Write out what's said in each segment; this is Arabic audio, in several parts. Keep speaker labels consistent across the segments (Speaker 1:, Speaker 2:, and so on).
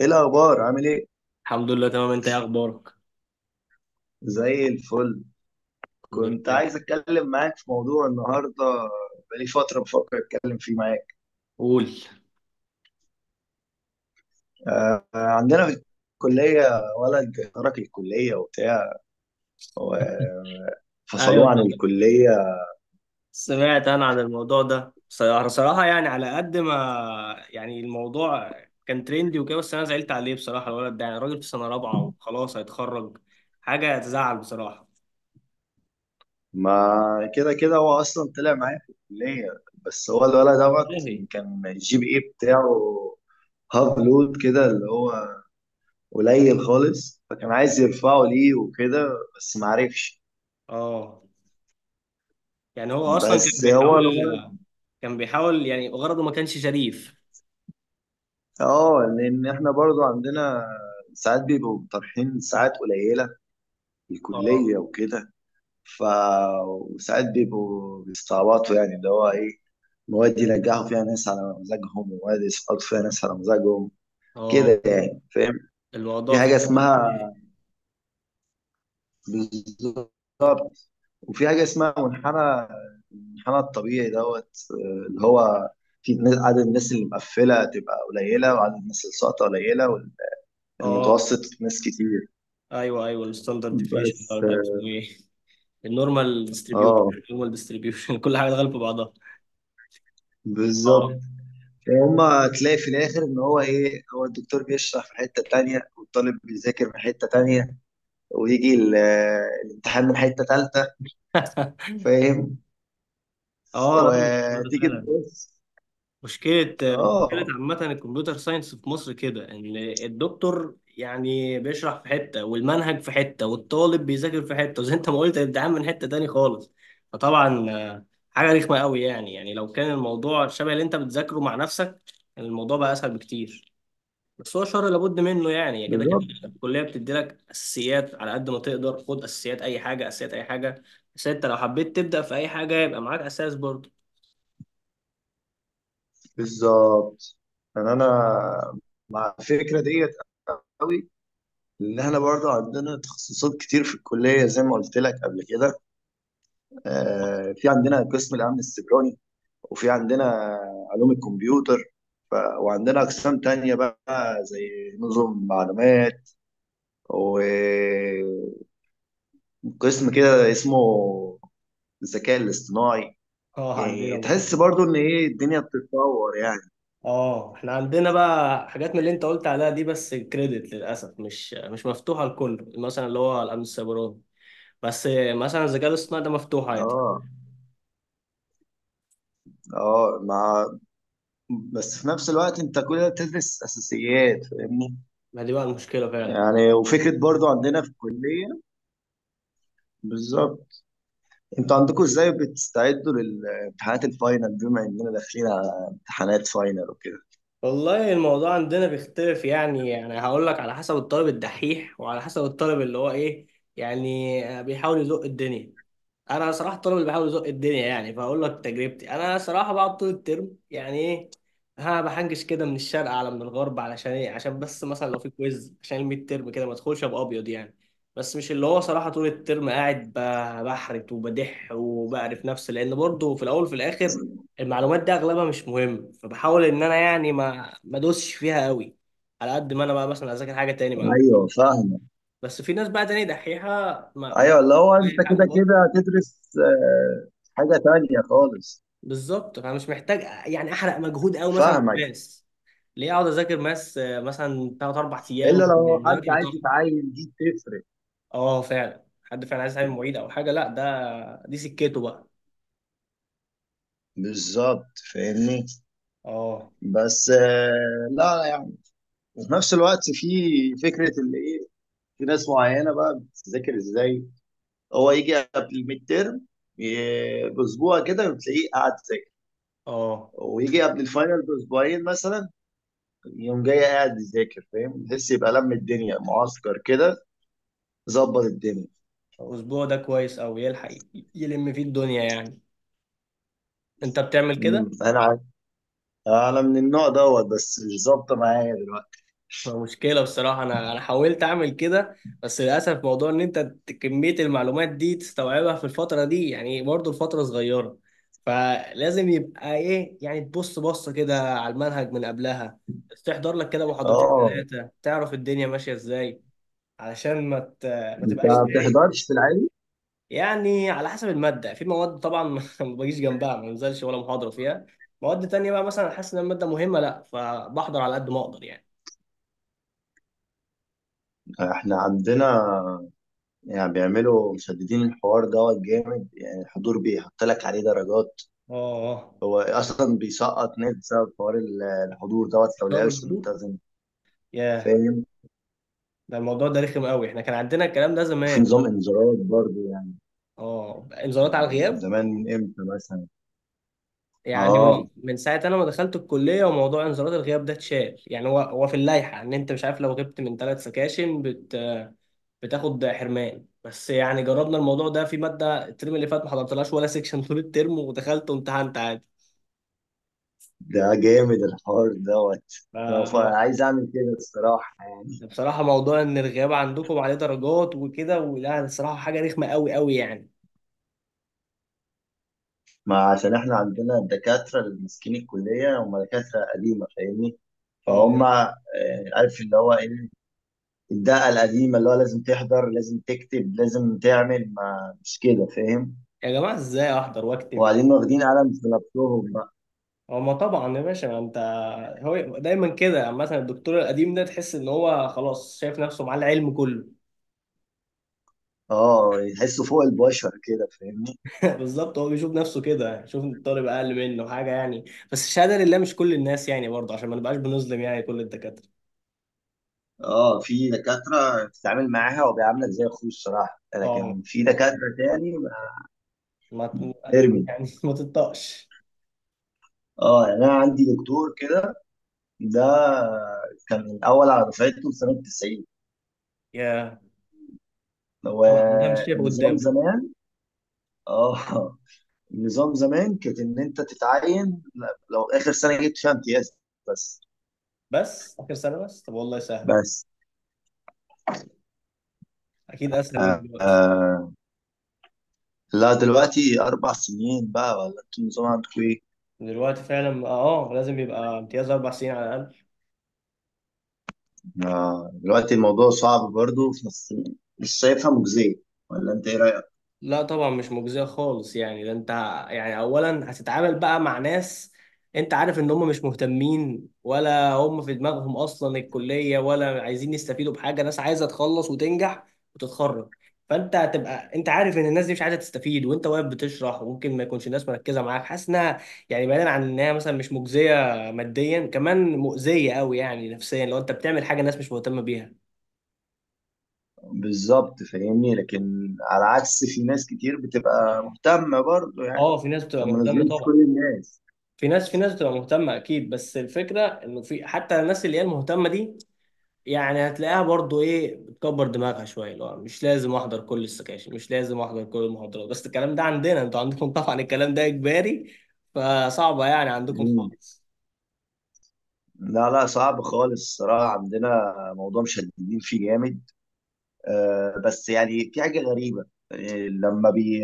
Speaker 1: ايه الاخبار عامل ايه؟
Speaker 2: الحمد لله تمام، انت ايه اخبارك؟
Speaker 1: زي الفل.
Speaker 2: الحمد
Speaker 1: كنت
Speaker 2: لله.
Speaker 1: عايز اتكلم معاك في موضوع النهارده. بقالي فتره بفكر اتكلم فيه معاك.
Speaker 2: قول.
Speaker 1: آه، عندنا في الكليه ولد ترك الكليه وبتاع
Speaker 2: ايوه.
Speaker 1: وفصلوه عن الكليه.
Speaker 2: سمعت انا عن الموضوع ده، صراحة صراحة يعني على قد ما، يعني الموضوع كان ترندي وكده بس انا زعلت عليه بصراحة. الولد ده يعني راجل في سنة رابعة وخلاص هيتخرج. حاجة تزعل بصراحة.
Speaker 1: ما كده كده هو اصلا طلع معايا في الكليه. بس هو الولد
Speaker 2: والله.
Speaker 1: دوت كان الجي بي اي بتاعه هاف لود كده، اللي هو قليل خالص، فكان عايز يرفعه ليه وكده. بس معرفش.
Speaker 2: اه، يعني هو اصلا كان
Speaker 1: بس هو
Speaker 2: بيحاول
Speaker 1: الولد.
Speaker 2: كان بيحاول يعني غرضه ما كانش شريف.
Speaker 1: اه، لان احنا برضو عندنا ساعات بيبقوا طرحين ساعات قليله في
Speaker 2: اه.
Speaker 1: الكليه وكده. ف وساعات بيبقوا بيستعبطوا، يعني اللي هو ايه، مواد ينجحوا فيها ناس على مزاجهم ومواد يسقطوا فيها ناس على مزاجهم.
Speaker 2: اه،
Speaker 1: كده يعني، فاهم؟ في
Speaker 2: الموضوع فيه.
Speaker 1: حاجه اسمها. بالظبط. وفي حاجه اسمها منحنى. المنحنى الطبيعي دوت، اللي هو عدد الناس اللي مقفله تبقى قليله، وعدد الناس اللي ساقطه قليله.
Speaker 2: اه.
Speaker 1: والمتوسط ناس كتير.
Speaker 2: ايوه، ايوه، الستاندرد ديفيشن ده
Speaker 1: بس.
Speaker 2: مش عارف اسمه ايه. النورمال ديستريبيوشن.
Speaker 1: اه،
Speaker 2: النورمال ديستريبيوشن كل حاجه دخلت في بعضها. اه.
Speaker 1: بالظبط. هما تلاقي في الاخر ان هو ايه، هو الدكتور بيشرح في حته تانية والطالب بيذاكر من حته تانية. ويجي الامتحان من حته تالتة. فاهم؟
Speaker 2: اه لا الموضوع ده
Speaker 1: وتيجي
Speaker 2: فعلا
Speaker 1: تبص.
Speaker 2: مشكله. مشكله
Speaker 1: اه،
Speaker 2: عامه الكمبيوتر ساينس في مصر كده، ان الدكتور يعني بيشرح في حته والمنهج في حته والطالب بيذاكر في حته، وزي انت ما قلت الامتحان من حته تاني خالص. فطبعا حاجه رخمه قوي. يعني لو كان الموضوع شبه اللي انت بتذاكره مع نفسك كان الموضوع بقى اسهل بكتير. بس هو شر لابد منه يعني كده كده.
Speaker 1: بالظبط،
Speaker 2: الكليه بتدي لك اساسيات، على قد ما تقدر خد اساسيات اي حاجه، اساسيات اي حاجه. بس انت لو حبيت تبدا في اي حاجه يبقى معاك اساس برضه.
Speaker 1: بالظبط. يعني انا مع الفكره ديت قوي. ان احنا برضه عندنا تخصصات كتير في الكليه زي ما قلت لك قبل كده. في عندنا قسم الامن السيبراني. وفي عندنا علوم الكمبيوتر. وعندنا أقسام تانية بقى زي نظم معلومات. وقسم كده اسمه الذكاء الاصطناعي.
Speaker 2: اه عندنا
Speaker 1: يعني
Speaker 2: برضه.
Speaker 1: تحس برضو ان ايه الدنيا بتتطور يعني.
Speaker 2: اه، احنا عندنا بقى حاجات من اللي انت قلت عليها دي، بس كريدت للاسف مش مفتوحه لكل مثلا اللي هو الامن السيبراني. بس مثلا الذكاء الاصطناعي ده مفتوح عادي.
Speaker 1: اه، اه، مع. بس في نفس الوقت انت كل ده بتدرس اساسيات، فاهمني؟
Speaker 2: ما دي بقى المشكله فعلا.
Speaker 1: يعني وفكره برضو عندنا في الكليه. بالظبط. انتوا عندكم ازاي بتستعدوا للامتحانات الفاينل بما اننا داخلين على امتحانات فاينل وكده؟
Speaker 2: والله الموضوع عندنا بيختلف. يعني هقول لك على حسب الطالب الدحيح وعلى حسب الطالب اللي هو ايه، يعني بيحاول يزق الدنيا. انا صراحه الطالب اللي بحاول ازق الدنيا، يعني فاقول لك تجربتي. انا صراحه بقعد طول الترم يعني ايه، ها بحنجش كده من الشرق على من الغرب. علشان ايه؟ عشان بس مثلا لو في كويز عشان الميد ترم كده ما ادخلش ابقى ابيض يعني. بس مش اللي هو صراحه طول الترم قاعد بحرت وبدح وبعرف نفسي. لان برضه في الاول وفي الاخر المعلومات دي اغلبها مش مهم، فبحاول ان انا يعني ما ادوسش فيها قوي، على قد ما انا بقى مثلا اذاكر حاجه تاني معلومة.
Speaker 1: ايوه، فاهمه.
Speaker 2: بس في ناس بقى تاني دحيحه. ما ما-
Speaker 1: ايوه، اللي هو انت
Speaker 2: حاجه
Speaker 1: كده
Speaker 2: برضه.
Speaker 1: كده هتدرس آه، حاجه تانية خالص.
Speaker 2: بالظبط فانا مش محتاج يعني احرق مجهود قوي مثلا في
Speaker 1: فاهمك.
Speaker 2: ماس. ليه اقعد اذاكر ماس مثلا ثلاث اربع ايام
Speaker 1: الا لو حد
Speaker 2: والمذاكره
Speaker 1: عايز
Speaker 2: بتاعته.
Speaker 1: يتعين دي تفرق.
Speaker 2: اه فعلا، حد فعلا عايز يتعلم معيد او حاجه لا ده دي سكته بقى.
Speaker 1: بالظبط، فاهمني.
Speaker 2: اه.
Speaker 1: بس لا يعني. وفي نفس الوقت في. فكره اللي ايه. في ناس معينه بقى بتذاكر ازاي. هو يجي قبل الميد تيرم باسبوع كده بتلاقيه قاعد يذاكر.
Speaker 2: اه
Speaker 1: ويجي قبل الفاينل باسبوعين مثلا. يوم جاي قاعد يذاكر، فاهم؟ تحس يبقى لم الدنيا معسكر كده. ظبط الدنيا.
Speaker 2: الاسبوع ده كويس او يلحق يلم فيه الدنيا يعني؟ انت بتعمل
Speaker 1: مم.
Speaker 2: كده؟
Speaker 1: انا عارف. انا من النوع دوت بس مش ظابطه معايا دلوقتي.
Speaker 2: مشكلة بصراحة. أنا حاولت أعمل كده بس للأسف موضوع إن أنت كمية المعلومات دي تستوعبها في الفترة دي، يعني برضه الفترة صغيرة. فلازم يبقى إيه يعني، تبص بصة كده على المنهج من قبلها، تحضر لك كده محاضرتين
Speaker 1: اه،
Speaker 2: ثلاثة تعرف الدنيا ماشية إزاي. علشان ما
Speaker 1: انت
Speaker 2: تبقاش
Speaker 1: ما
Speaker 2: تايه.
Speaker 1: بتحضرش في العادي؟
Speaker 2: يعني على حسب المادة. في مواد طبعا ما بجيش جنبها، ما بنزلش ولا محاضرة فيها. مواد تانية بقى مثلا حاسس إن المادة مهمة، لأ فبحضر على قد ما أقدر يعني.
Speaker 1: احنا عندنا. يعني بيعملوا مشددين الحوار دوت جامد، يعني الحضور بيحط لك عليه درجات.
Speaker 2: آه.
Speaker 1: هو اصلا بيسقط ناس بسبب حوار الحضور دوت لو
Speaker 2: شباب
Speaker 1: لعبش
Speaker 2: الفضول.
Speaker 1: ملتزم.
Speaker 2: ياه.
Speaker 1: فاهم؟
Speaker 2: ده الموضوع ده رخم قوي، احنا كان عندنا الكلام ده
Speaker 1: وفي
Speaker 2: زمان.
Speaker 1: نظام انذارات برضه يعني.
Speaker 2: اه انذارات على الغياب.
Speaker 1: زمان من امتى مثلا؟
Speaker 2: يعني
Speaker 1: اه.
Speaker 2: من ساعة انا ما دخلت الكلية وموضوع انذارات الغياب ده اتشال. يعني هو في اللائحة ان انت مش عارف لو غبت من ثلاث سكاشن بتاخد حرمان. بس يعني جربنا الموضوع ده في مادة الترم اللي فات، ما حضرتلهاش ولا سكشن طول الترم، ودخلت وامتحنت عادي.
Speaker 1: ده جامد الحوار دوت.
Speaker 2: ف...
Speaker 1: انا عايز اعمل كده الصراحه يعني.
Speaker 2: بصراحة موضوع ان الغياب عندكم عليه درجات وكده ولا، الصراحة حاجة رخمة قوي قوي يعني.
Speaker 1: ما عشان احنا عندنا الدكاترة اللي ماسكين الكلية هم دكاترة قديمة، فاهمني؟
Speaker 2: اه.
Speaker 1: فهم عارف اللي هو ايه. الدقة القديمة اللي هو لازم تحضر، لازم تكتب، لازم تعمل، ما مش كده، فاهم؟
Speaker 2: يا جماعة ازاي احضر واكتب يعني؟
Speaker 1: وبعدين واخدين قلم في نفسهم بقى.
Speaker 2: هما طبعا يا باشا انت. هو دايما كده يعني، مثلا الدكتور القديم ده تحس ان هو خلاص شايف نفسه معاه العلم كله.
Speaker 1: اه، يحسوا فوق البشر كده، فاهمني؟
Speaker 2: بالظبط، هو بيشوف نفسه كده، يشوف ان الطالب اقل منه حاجه يعني. بس الشهاده لله مش كل الناس يعني، برضه عشان ما نبقاش بنظلم يعني كل الدكاتره.
Speaker 1: اه، في دكاترة بتتعامل معاها وبيعاملك زي اخوه الصراحة،
Speaker 2: اه
Speaker 1: لكن في
Speaker 2: يعني
Speaker 1: دكاترة تاني ما-.
Speaker 2: ما ت-
Speaker 1: ارمي.
Speaker 2: يعني ما تطقش.
Speaker 1: اه، يعني انا عندي دكتور كده. ده كان الاول على دفعته في سنة 90.
Speaker 2: يا
Speaker 1: هو
Speaker 2: طبعا ده مش شايف
Speaker 1: نظام
Speaker 2: قدامه.
Speaker 1: زمان. اه، نظام زمان كانت ان انت تتعين لو اخر سنه جبت فيها امتياز بس
Speaker 2: بس اخر سنه بس، طب والله سهل.
Speaker 1: بس
Speaker 2: اكيد اسهل من
Speaker 1: آه.
Speaker 2: دلوقتي.
Speaker 1: آه. لا، دلوقتي اربع سنين بقى، ولا انتوا النظام عندكم ايه؟
Speaker 2: دلوقتي فعلا، اه، لازم يبقى امتياز 4 سنين على الاقل.
Speaker 1: آه. دلوقتي الموضوع صعب برضه في نفس. مش شايفها مجزيه. ولا انت ايه رايك؟
Speaker 2: لا طبعا مش مجزية خالص يعني، ده انت يعني اولا هتتعامل بقى مع ناس انت عارف ان هم مش مهتمين ولا هم في دماغهم اصلا الكلية، ولا عايزين يستفيدوا بحاجة، ناس عايزة تخلص وتنجح وتتخرج. فانت هتبقى انت عارف ان الناس دي مش عايزة تستفيد، وانت واقف بتشرح، وممكن ما يكونش الناس مركزة معاك، حاسس انها يعني بعيدا عن انها مثلا مش مجزية ماديا، كمان مؤذية قوي يعني نفسيا لو انت بتعمل حاجة الناس مش مهتمة بيها.
Speaker 1: بالظبط فاهمني، لكن على عكس في ناس كتير بتبقى مهتمه برضه يعني.
Speaker 2: اه في ناس بتبقى
Speaker 1: عشان ما
Speaker 2: مهتمة
Speaker 1: نظلمش
Speaker 2: طبعا.
Speaker 1: كل الناس.
Speaker 2: في ناس بتبقى مهتمة أكيد، بس الفكرة إنه في حتى الناس اللي هي المهتمة دي، يعني هتلاقيها برضو إيه بتكبر دماغها شوية، اللي هو مش لازم أحضر كل السكاشن مش لازم أحضر كل المحاضرات، بس الكلام ده عندنا. أنتوا عندكم طبعا الكلام ده إجباري، فصعبة يعني عندكم خالص.
Speaker 1: لا، لا، صعب خالص الصراحة، عندنا موضوع مشددين فيه جامد. بس يعني في حاجة غريبة. آه، لما بي.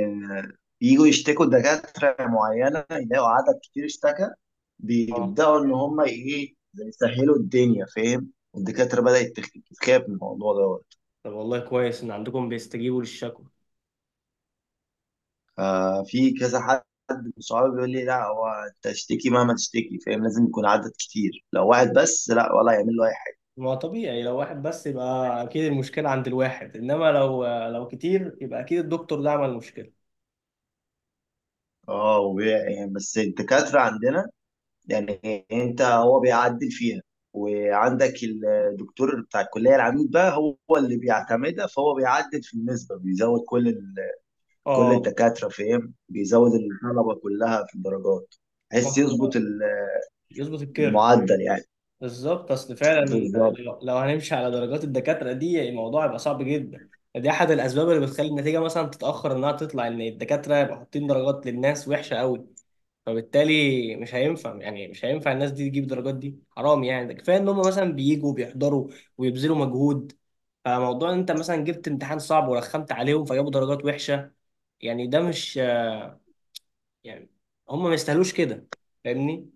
Speaker 1: بييجوا يشتكوا دكاترة معينة، يلاقوا عدد كتير اشتكى.
Speaker 2: أه.
Speaker 1: بيبدأوا إن هم إيه زي يسهلوا الدنيا، فاهم؟ والدكاترة بدأت تخاف من الموضوع دوت.
Speaker 2: طب والله كويس إن عندكم بيستجيبوا للشكوى.
Speaker 1: في كذا حد من صحابي بيقول لي، لا هو أنت اشتكي مهما تشتكي، فاهم؟ لازم يكون عدد كتير، لو واحد بس لا ولا يعمل له أي حاجة.
Speaker 2: ما طبيعي لو واحد بس يبقى أكيد المشكلة عند الواحد، إنما لو كتير يبقى أكيد الدكتور ده عمل مشكلة.
Speaker 1: اه، يعني بس الدكاترة عندنا. يعني انت هو بيعدل فيها. وعندك الدكتور بتاع الكليه العميد بقى هو اللي بيعتمدها، فهو بيعدل في النسبه بيزود كل ال... كل
Speaker 2: أه.
Speaker 1: الدكاتره، فاهم؟ بيزود الطلبه كلها في الدرجات.
Speaker 2: ما
Speaker 1: بحيث يظبط
Speaker 2: إحنا-
Speaker 1: ال-.
Speaker 2: يظبط الكيرف.
Speaker 1: المعدل يعني.
Speaker 2: بالظبط اصل فعلا،
Speaker 1: بالظبط.
Speaker 2: لو هنمشي على درجات الدكاتره دي يعني الموضوع يبقى صعب جدا. دي احد الاسباب اللي بتخلي النتيجه مثلا تتاخر، انها تطلع ان الدكاتره يبقوا حاطين درجات للناس وحشه قوي. فبالتالي مش هينفع، يعني مش هينفع الناس دي تجيب درجات دي حرام يعني. ده كفايه ان هم مثلا بييجوا بيحضروا ويبذلوا مجهود. فموضوع ان انت مثلا جبت امتحان صعب ورخمت عليهم فجابوا درجات وحشه يعني ده مش، يعني هم ما يستاهلوش كده فاهمني.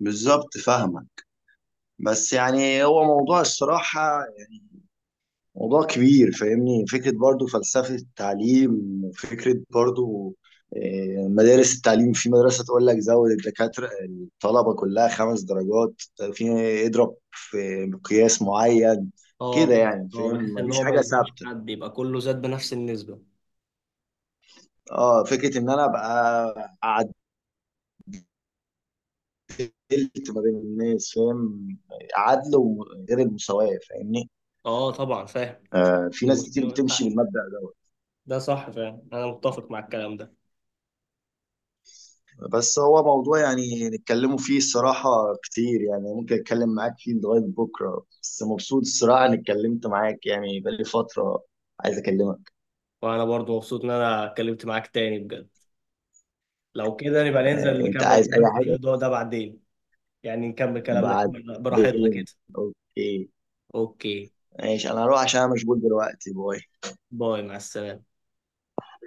Speaker 1: بالظبط، فاهمه. بس يعني هو موضوع الصراحه. موضوع كبير، فاهمني؟ فكرة برضو فلسفة التعليم، وفكرة برضو. مدارس التعليم، في مدرسة تقول لك زود الدكاترة الطلبة كلها 5 درجات. في. اضرب في مقياس معين. كده يعني،
Speaker 2: اه
Speaker 1: فاهم؟
Speaker 2: بحيث ان
Speaker 1: مفيش
Speaker 2: هو ما
Speaker 1: حاجة
Speaker 2: يظلمش
Speaker 1: ثابتة.
Speaker 2: حد يبقى كله زاد بنفس النسبة.
Speaker 1: اه فكرة ان انا ابقى عدلت ما بين الناس، فاهم؟ عدل وغير المساواة، فاهمني؟
Speaker 2: اه طبعا فاهم. بس
Speaker 1: في ناس
Speaker 2: المستوى
Speaker 1: كتير
Speaker 2: ما
Speaker 1: بتمشي
Speaker 2: ينفعش.
Speaker 1: بالمبدأ ده.
Speaker 2: ده صح فاهم، انا متفق مع الكلام ده.
Speaker 1: بس هو موضوع يعني نتكلموا فيه الصراحة كتير، يعني ممكن أتكلم معاك فيه لغاية بكرة، بس مبسوط الصراحة إني اتكلمت معاك، يعني بقالي فترة عايز أكلمك.
Speaker 2: وانا برضو مبسوط ان انا اتكلمت معاك تاني بجد. لو كده نبقى
Speaker 1: آه،
Speaker 2: ننزل
Speaker 1: أنت
Speaker 2: نكمل
Speaker 1: عايز أي
Speaker 2: كلام في
Speaker 1: حاجة؟
Speaker 2: الموضوع ده بعدين. يعني نكمل كلامنا براحتنا
Speaker 1: بعدين.
Speaker 2: كده.
Speaker 1: أوكي.
Speaker 2: اوكي.
Speaker 1: ماشي، أنا هروح عشان أنا مشغول دلوقتي، باي.
Speaker 2: باي مع السلامة.